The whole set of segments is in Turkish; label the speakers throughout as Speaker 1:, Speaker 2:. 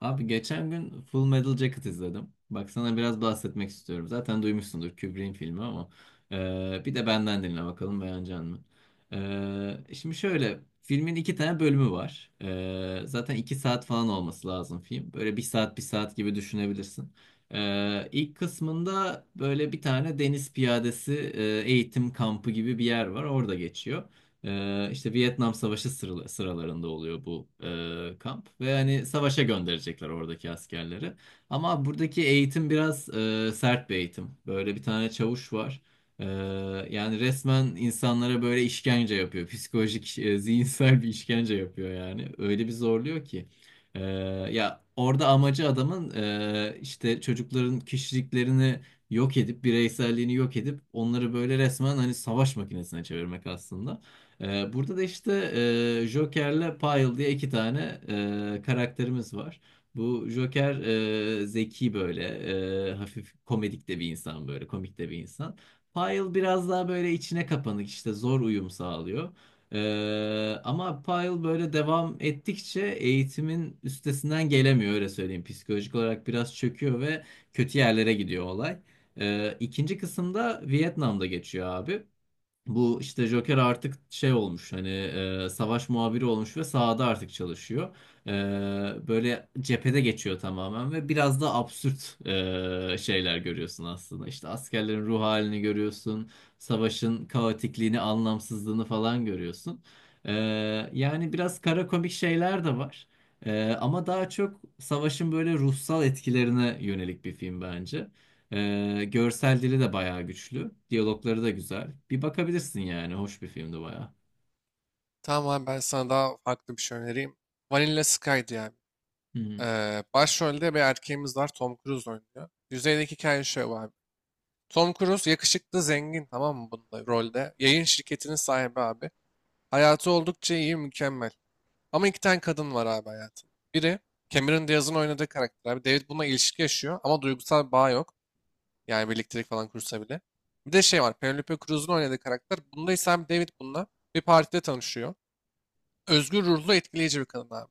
Speaker 1: Abi geçen gün Full Metal Jacket izledim. Bak sana biraz bahsetmek istiyorum. Zaten duymuşsundur Kubrick'in filmi ama bir de benden dinle bakalım beğenecek misin? Şimdi şöyle filmin iki tane bölümü var. Zaten 2 saat falan olması lazım film. Böyle bir saat bir saat gibi düşünebilirsin. E, ilk kısmında böyle bir tane deniz piyadesi eğitim kampı gibi bir yer var. Orada geçiyor. İşte Vietnam Savaşı sıralarında oluyor bu kamp ve hani savaşa gönderecekler oradaki askerleri. Ama buradaki eğitim biraz sert bir eğitim. Böyle bir tane çavuş var. Ee, Yani resmen insanlara böyle işkence yapıyor. Psikolojik, zihinsel bir işkence yapıyor yani. Öyle bir zorluyor ki. Ee, Ya orada amacı adamın işte çocukların kişiliklerini yok edip bireyselliğini yok edip onları böyle resmen hani savaş makinesine çevirmek aslında. Burada da işte Joker'le Pyle diye iki tane karakterimiz var. Bu Joker zeki böyle, hafif komedik de bir insan böyle, komik de bir insan. Pyle biraz daha böyle içine kapanık, işte zor uyum sağlıyor. Ama Pyle böyle devam ettikçe eğitimin üstesinden gelemiyor, öyle söyleyeyim. Psikolojik olarak biraz çöküyor ve kötü yerlere gidiyor olay. İkinci kısımda Vietnam'da geçiyor abi. Bu işte Joker artık şey olmuş, hani savaş muhabiri olmuş ve sahada artık çalışıyor. E, Böyle cephede geçiyor tamamen ve biraz da absürt şeyler görüyorsun aslında. İşte askerlerin ruh halini görüyorsun, savaşın kaotikliğini, anlamsızlığını falan görüyorsun. E, Yani biraz kara komik şeyler de var. Ama daha çok savaşın böyle ruhsal etkilerine yönelik bir film bence. Görsel dili de bayağı güçlü. Diyalogları da güzel. Bir bakabilirsin yani. Hoş bir filmdi bayağı.
Speaker 2: Tamam abi, ben sana daha farklı bir şey önereyim. Vanilla Sky diye abi.
Speaker 1: Hı hı.
Speaker 2: Başrolde bir erkeğimiz var. Tom Cruise oynuyor. Yüzeydeki hikaye şöyle abi. Tom Cruise yakışıklı zengin, tamam mı, bunda rolde. Yayın şirketinin sahibi abi. Hayatı oldukça iyi, mükemmel. Ama iki tane kadın var abi hayatında. Biri Cameron Diaz'ın oynadığı karakter abi. David bununla ilişki yaşıyor ama duygusal bir bağ yok. Yani birliktelik falan kursa bile. Bir de şey var, Penelope Cruz'un oynadığı karakter. Bunda ise abi David bununla bir partide tanışıyor. Özgür ruhlu, etkileyici bir kadın abi.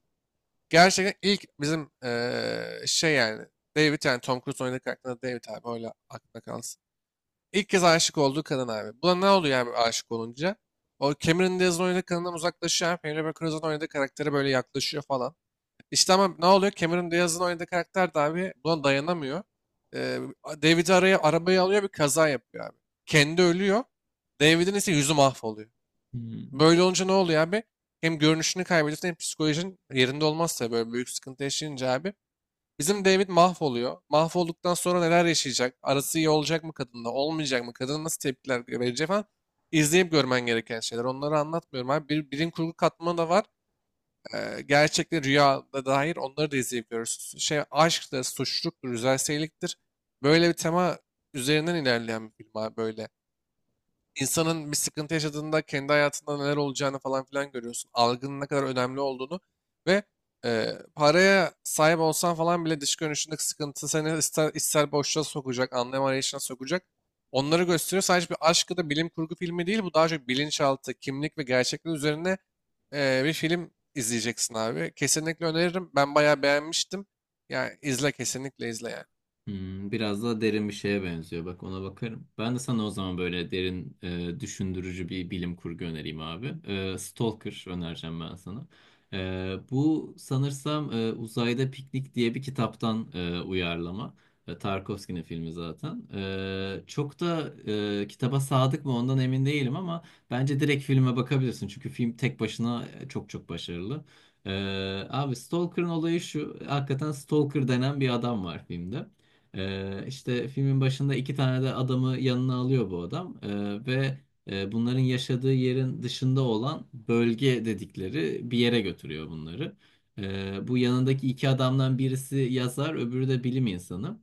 Speaker 2: Gerçekten ilk bizim şey yani, David yani Tom Cruise oynadığı karakter David abi, öyle aklına kalsın. İlk kez aşık olduğu kadın abi. Buna ne oluyor abi aşık olunca? O Cameron Diaz'ın oynadığı kadından uzaklaşıyor abi. Penelope Cruz'un oynadığı karaktere böyle yaklaşıyor falan. İşte ama ne oluyor? Cameron Diaz'ın oynadığı karakter de abi buna dayanamıyor. Eee David'i arabaya alıyor, bir kaza yapıyor abi. Kendi ölüyor. David'in ise yüzü mahvoluyor.
Speaker 1: Hı hı.
Speaker 2: Böyle olunca ne oluyor abi? Hem görünüşünü kaybediyorsun hem psikolojin yerinde olmazsa böyle büyük sıkıntı yaşayınca abi. Bizim David mahvoluyor. Mahvolduktan sonra neler yaşayacak? Arası iyi olacak mı kadınla? Olmayacak mı? Kadın nasıl tepkiler verecek falan. İzleyip görmen gereken şeyler. Onları anlatmıyorum abi. Bir, bilim kurgu katmanı da var. Gerçekte rüya da dair onları da izleyip görürsün. Şey, aşk da suçluluktur, güzel. Böyle bir tema üzerinden ilerleyen bir film abi, böyle insanın bir sıkıntı yaşadığında kendi hayatında neler olacağını falan filan görüyorsun. Algının ne kadar önemli olduğunu ve e, paraya sahip olsan falan bile dış görünüşündeki sıkıntı seni ister ister boşluğa sokacak, anlam arayışına sokacak. Onları gösteriyor. Sadece bir aşk ya da bilim kurgu filmi değil. Bu daha çok bilinçaltı, kimlik ve gerçeklik üzerine bir film izleyeceksin abi. Kesinlikle öneririm. Ben bayağı beğenmiştim. Yani izle, kesinlikle izle yani.
Speaker 1: Hmm, biraz daha derin bir şeye benziyor. Bak, ona bakarım. Ben de sana o zaman böyle derin, düşündürücü bir bilim kurgu önereyim abi. Stalker önereceğim ben sana. Bu sanırsam Uzayda Piknik diye bir kitaptan uyarlama. Tarkovski'nin filmi zaten. Çok da kitaba sadık mı, ondan emin değilim, ama bence direkt filme bakabilirsin. Çünkü film tek başına çok çok başarılı. E, Abi Stalker'ın olayı şu. Hakikaten Stalker denen bir adam var filmde. İşte filmin başında iki tane de adamı yanına alıyor bu adam, ve bunların yaşadığı yerin dışında olan bölge dedikleri bir yere götürüyor bunları. Bu yanındaki iki adamdan birisi yazar, öbürü de bilim insanı.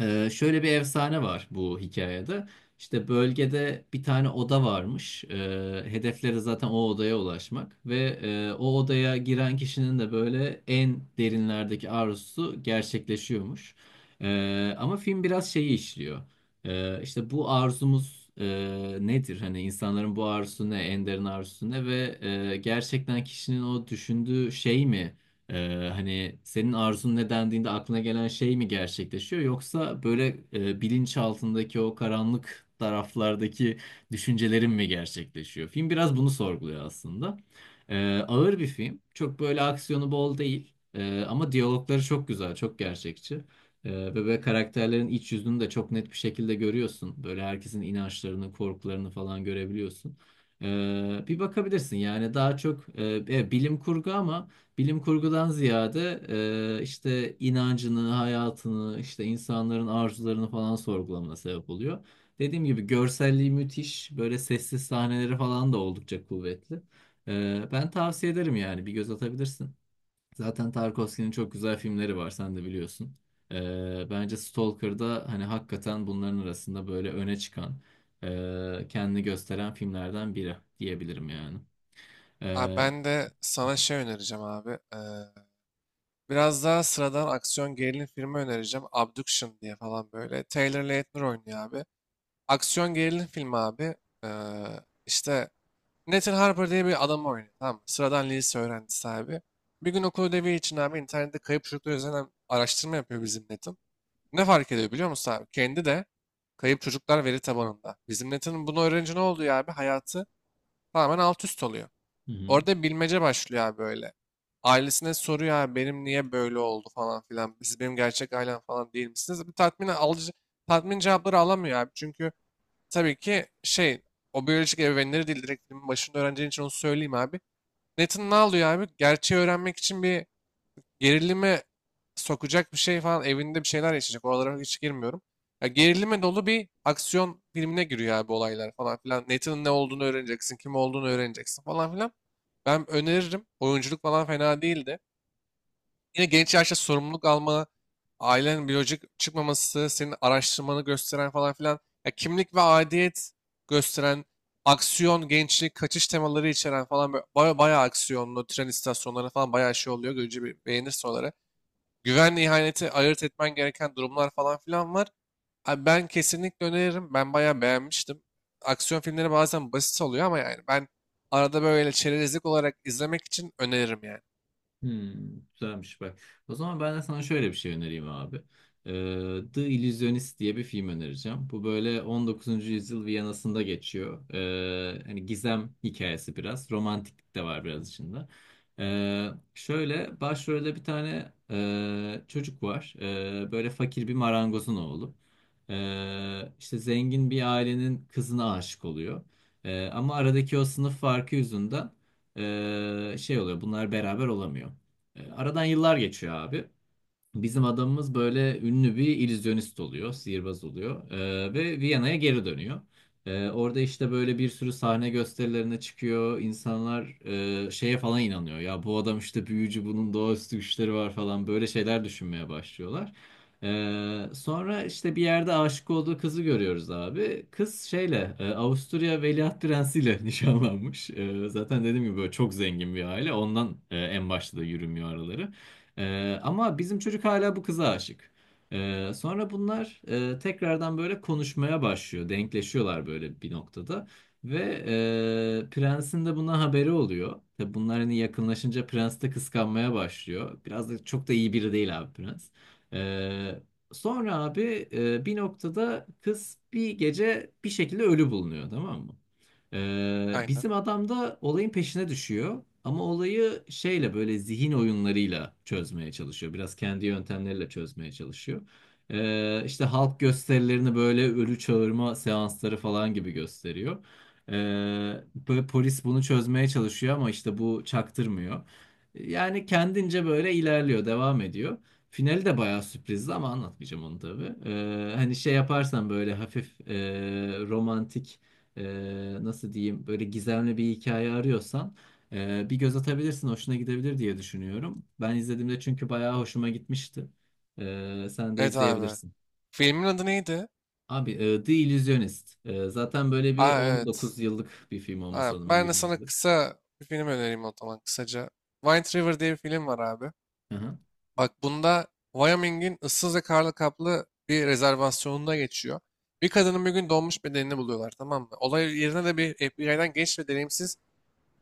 Speaker 1: Şöyle bir efsane var bu hikayede. İşte bölgede bir tane oda varmış. Hedefleri zaten o odaya ulaşmak ve o odaya giren kişinin de böyle en derinlerdeki arzusu gerçekleşiyormuş. Ama film biraz şeyi işliyor. İşte bu arzumuz nedir? Hani insanların bu arzusu ne? En derin arzusu ne? Ve gerçekten kişinin o düşündüğü şey mi, hani senin arzun ne dendiğinde aklına gelen şey mi gerçekleşiyor, yoksa böyle bilinç altındaki o karanlık taraflardaki düşüncelerin mi gerçekleşiyor? Film biraz bunu sorguluyor aslında. Ee, Ağır bir film. Çok böyle aksiyonu bol değil. Ama diyalogları çok güzel, çok gerçekçi. Ve böyle karakterlerin iç yüzünü de çok net bir şekilde görüyorsun. Böyle herkesin inançlarını, korkularını falan görebiliyorsun. Bir bakabilirsin yani. Daha çok bilim kurgu, ama bilim kurgudan ziyade işte inancını, hayatını, işte insanların arzularını falan sorgulamana sebep oluyor. Dediğim gibi görselliği müthiş, böyle sessiz sahneleri falan da oldukça kuvvetli. Ben tavsiye ederim yani, bir göz atabilirsin. Zaten Tarkovski'nin çok güzel filmleri var, sen de biliyorsun. Bence Stalker'da hani hakikaten bunların arasında böyle öne çıkan, kendini gösteren filmlerden biri diyebilirim yani.
Speaker 2: Abi
Speaker 1: E,
Speaker 2: ben de sana şey önereceğim abi. Biraz daha sıradan aksiyon gerilim filmi önereceğim. Abduction diye falan, böyle. Taylor Lautner oynuyor abi. Aksiyon gerilim filmi abi. Ee, işte Nathan Harper diye bir adam oynuyor. Tamam mı? Sıradan lise öğrencisi abi. Bir gün okul ödevi için abi internette kayıp çocuklar üzerine araştırma yapıyor bizim Nathan. Ne fark ediyor biliyor musun abi? Kendi de kayıp çocuklar veri tabanında. Bizim Nathan'ın bunu öğrenince ne oluyor abi? Hayatı tamamen alt üst oluyor.
Speaker 1: Hı hı.
Speaker 2: Orada bilmece başlıyor abi böyle. Ailesine soruyor abi, benim niye böyle oldu falan filan. Siz benim gerçek ailem falan değil misiniz? Bu tatmin cevapları alamıyor abi. Çünkü tabii ki şey, o biyolojik ebeveynleri değil, direkt filmin başında öğreneceğin için onu söyleyeyim abi. Nathan ne alıyor abi? Gerçeği öğrenmek için bir gerilime sokacak bir şey falan, evinde bir şeyler yaşayacak. Oralara hiç girmiyorum. Ya gerilime dolu bir aksiyon filmine giriyor abi, olaylar falan filan. Nathan'ın ne olduğunu öğreneceksin, kim olduğunu öğreneceksin falan filan. Ben öneririm. Oyunculuk falan fena değildi. Yine genç yaşta sorumluluk alma, ailenin biyolojik çıkmaması, senin araştırmanı gösteren falan filan. Ya kimlik ve aidiyet gösteren, aksiyon, gençlik, kaçış temaları içeren falan, böyle bayağı aksiyonlu, tren istasyonları falan bayağı şey oluyor. Görünce bir beğenirsin oraları. Güvenle ihaneti ayırt etmen gereken durumlar falan filan var. Abi ben kesinlikle öneririm. Ben bayağı beğenmiştim. Aksiyon filmleri bazen basit oluyor ama yani ben arada böyle çerezlik olarak izlemek için öneririm yani.
Speaker 1: Hmm, güzelmiş bak. O zaman ben de sana şöyle bir şey önereyim abi. The Illusionist diye bir film önereceğim. Bu böyle 19. yüzyıl Viyana'sında geçiyor. Hani gizem hikayesi biraz. Romantiklik de var biraz içinde. Şöyle başrolde bir tane çocuk var. Böyle fakir bir marangozun oğlu. İşte zengin bir ailenin kızına aşık oluyor. Ama aradaki o sınıf farkı yüzünden şey oluyor, bunlar beraber olamıyor. Aradan yıllar geçiyor abi. Bizim adamımız böyle ünlü bir illüzyonist oluyor, sihirbaz oluyor, ve Viyana'ya geri dönüyor. Orada işte böyle bir sürü sahne gösterilerine çıkıyor. İnsanlar şeye falan inanıyor. Ya bu adam işte büyücü, bunun doğaüstü güçleri var falan, böyle şeyler düşünmeye başlıyorlar. Sonra işte bir yerde aşık olduğu kızı görüyoruz abi. Kız şeyle Avusturya Veliaht Prensi ile nişanlanmış. Zaten dediğim gibi böyle çok zengin bir aile. Ondan en başta da yürümüyor araları. Ama bizim çocuk hala bu kıza aşık. Sonra bunlar tekrardan böyle konuşmaya başlıyor. Denkleşiyorlar böyle bir noktada. Ve prensin de buna haberi oluyor. Tabii bunlar hani yakınlaşınca prens de kıskanmaya başlıyor. Biraz da çok da iyi biri değil abi prens. Ee, Sonra abi bir noktada kız bir gece bir şekilde ölü bulunuyor, tamam mı?
Speaker 2: Aynen.
Speaker 1: Bizim adam da olayın peşine düşüyor. Ama olayı şeyle böyle zihin oyunlarıyla çözmeye çalışıyor. Biraz kendi yöntemleriyle çözmeye çalışıyor. İşte halk gösterilerini böyle ölü çağırma seansları falan gibi gösteriyor. Ee, Böyle polis bunu çözmeye çalışıyor ama işte bu çaktırmıyor. Yani kendince böyle ilerliyor, devam ediyor. Finali de bayağı sürprizdi ama anlatmayacağım onu tabii. Hani şey yaparsan, böyle hafif romantik, nasıl diyeyim, böyle gizemli bir hikaye arıyorsan bir göz atabilirsin, hoşuna gidebilir diye düşünüyorum. Ben izlediğimde çünkü bayağı hoşuma gitmişti. Sen de
Speaker 2: Evet abi.
Speaker 1: izleyebilirsin.
Speaker 2: Filmin adı neydi?
Speaker 1: Abi The Illusionist. Zaten böyle bir
Speaker 2: Aa, evet.
Speaker 1: 19 yıllık bir film olması
Speaker 2: Ha,
Speaker 1: lazım,
Speaker 2: ben de
Speaker 1: 20
Speaker 2: sana
Speaker 1: yıllık.
Speaker 2: kısa bir film önereyim o zaman, kısaca. White River diye bir film var abi.
Speaker 1: Hı hı.
Speaker 2: Bak bunda Wyoming'in ıssız ve karlı kaplı bir rezervasyonunda geçiyor. Bir kadının bir gün donmuş bedenini buluyorlar, tamam mı? Olay yerine de bir FBI'den genç ve deneyimsiz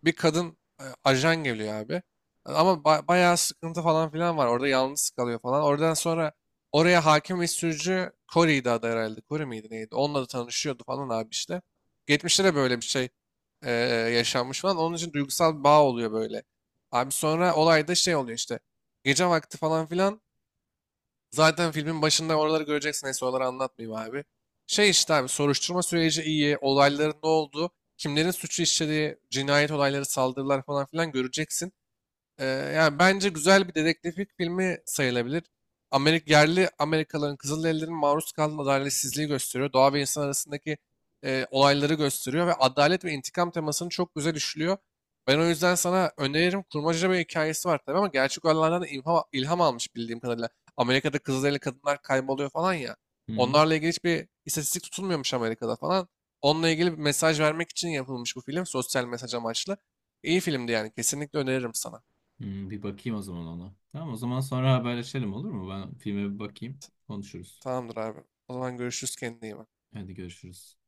Speaker 2: bir kadın ajan geliyor abi. Ama bayağı sıkıntı falan filan var. Orada yalnız kalıyor falan. Oradan sonra oraya hakim ve sürücü Corey'di adı herhalde. Corey miydi neydi? Onunla da tanışıyordu falan abi işte. Geçmişte de böyle bir şey e, yaşanmış falan. Onun için duygusal bir bağ oluyor böyle. Abi sonra olayda şey oluyor işte. Gece vakti falan filan, zaten filmin başında oraları göreceksin. Neyse, oraları anlatmayayım abi. Şey işte abi, soruşturma süreci iyi. Olayların ne olduğu, kimlerin suçu işlediği, cinayet olayları, saldırılar falan filan göreceksin. Ee, Yani bence güzel bir dedektiflik filmi sayılabilir. Yerli Amerikalıların, Kızılderililerin maruz kaldığı adaletsizliği gösteriyor. Doğa ve insan arasındaki olayları gösteriyor ve adalet ve intikam temasını çok güzel işliyor. Ben o yüzden sana öneririm. Kurmaca bir hikayesi var tabii ama gerçek olaylardan da ilham almış bildiğim kadarıyla. Amerika'da Kızılderili kadınlar kayboluyor falan ya.
Speaker 1: Hı hı.
Speaker 2: Onlarla ilgili hiçbir istatistik tutulmuyormuş Amerika'da falan. Onunla ilgili bir mesaj vermek için yapılmış bu film. Sosyal mesaj amaçlı. İyi filmdi yani. Kesinlikle öneririm sana.
Speaker 1: Hmm, bir bakayım o zaman ona. Tamam, o zaman sonra haberleşelim, olur mu? Ben filme bir bakayım, konuşuruz.
Speaker 2: Tamamdır abi. O zaman görüşürüz, kendine iyi bak.
Speaker 1: Hadi görüşürüz.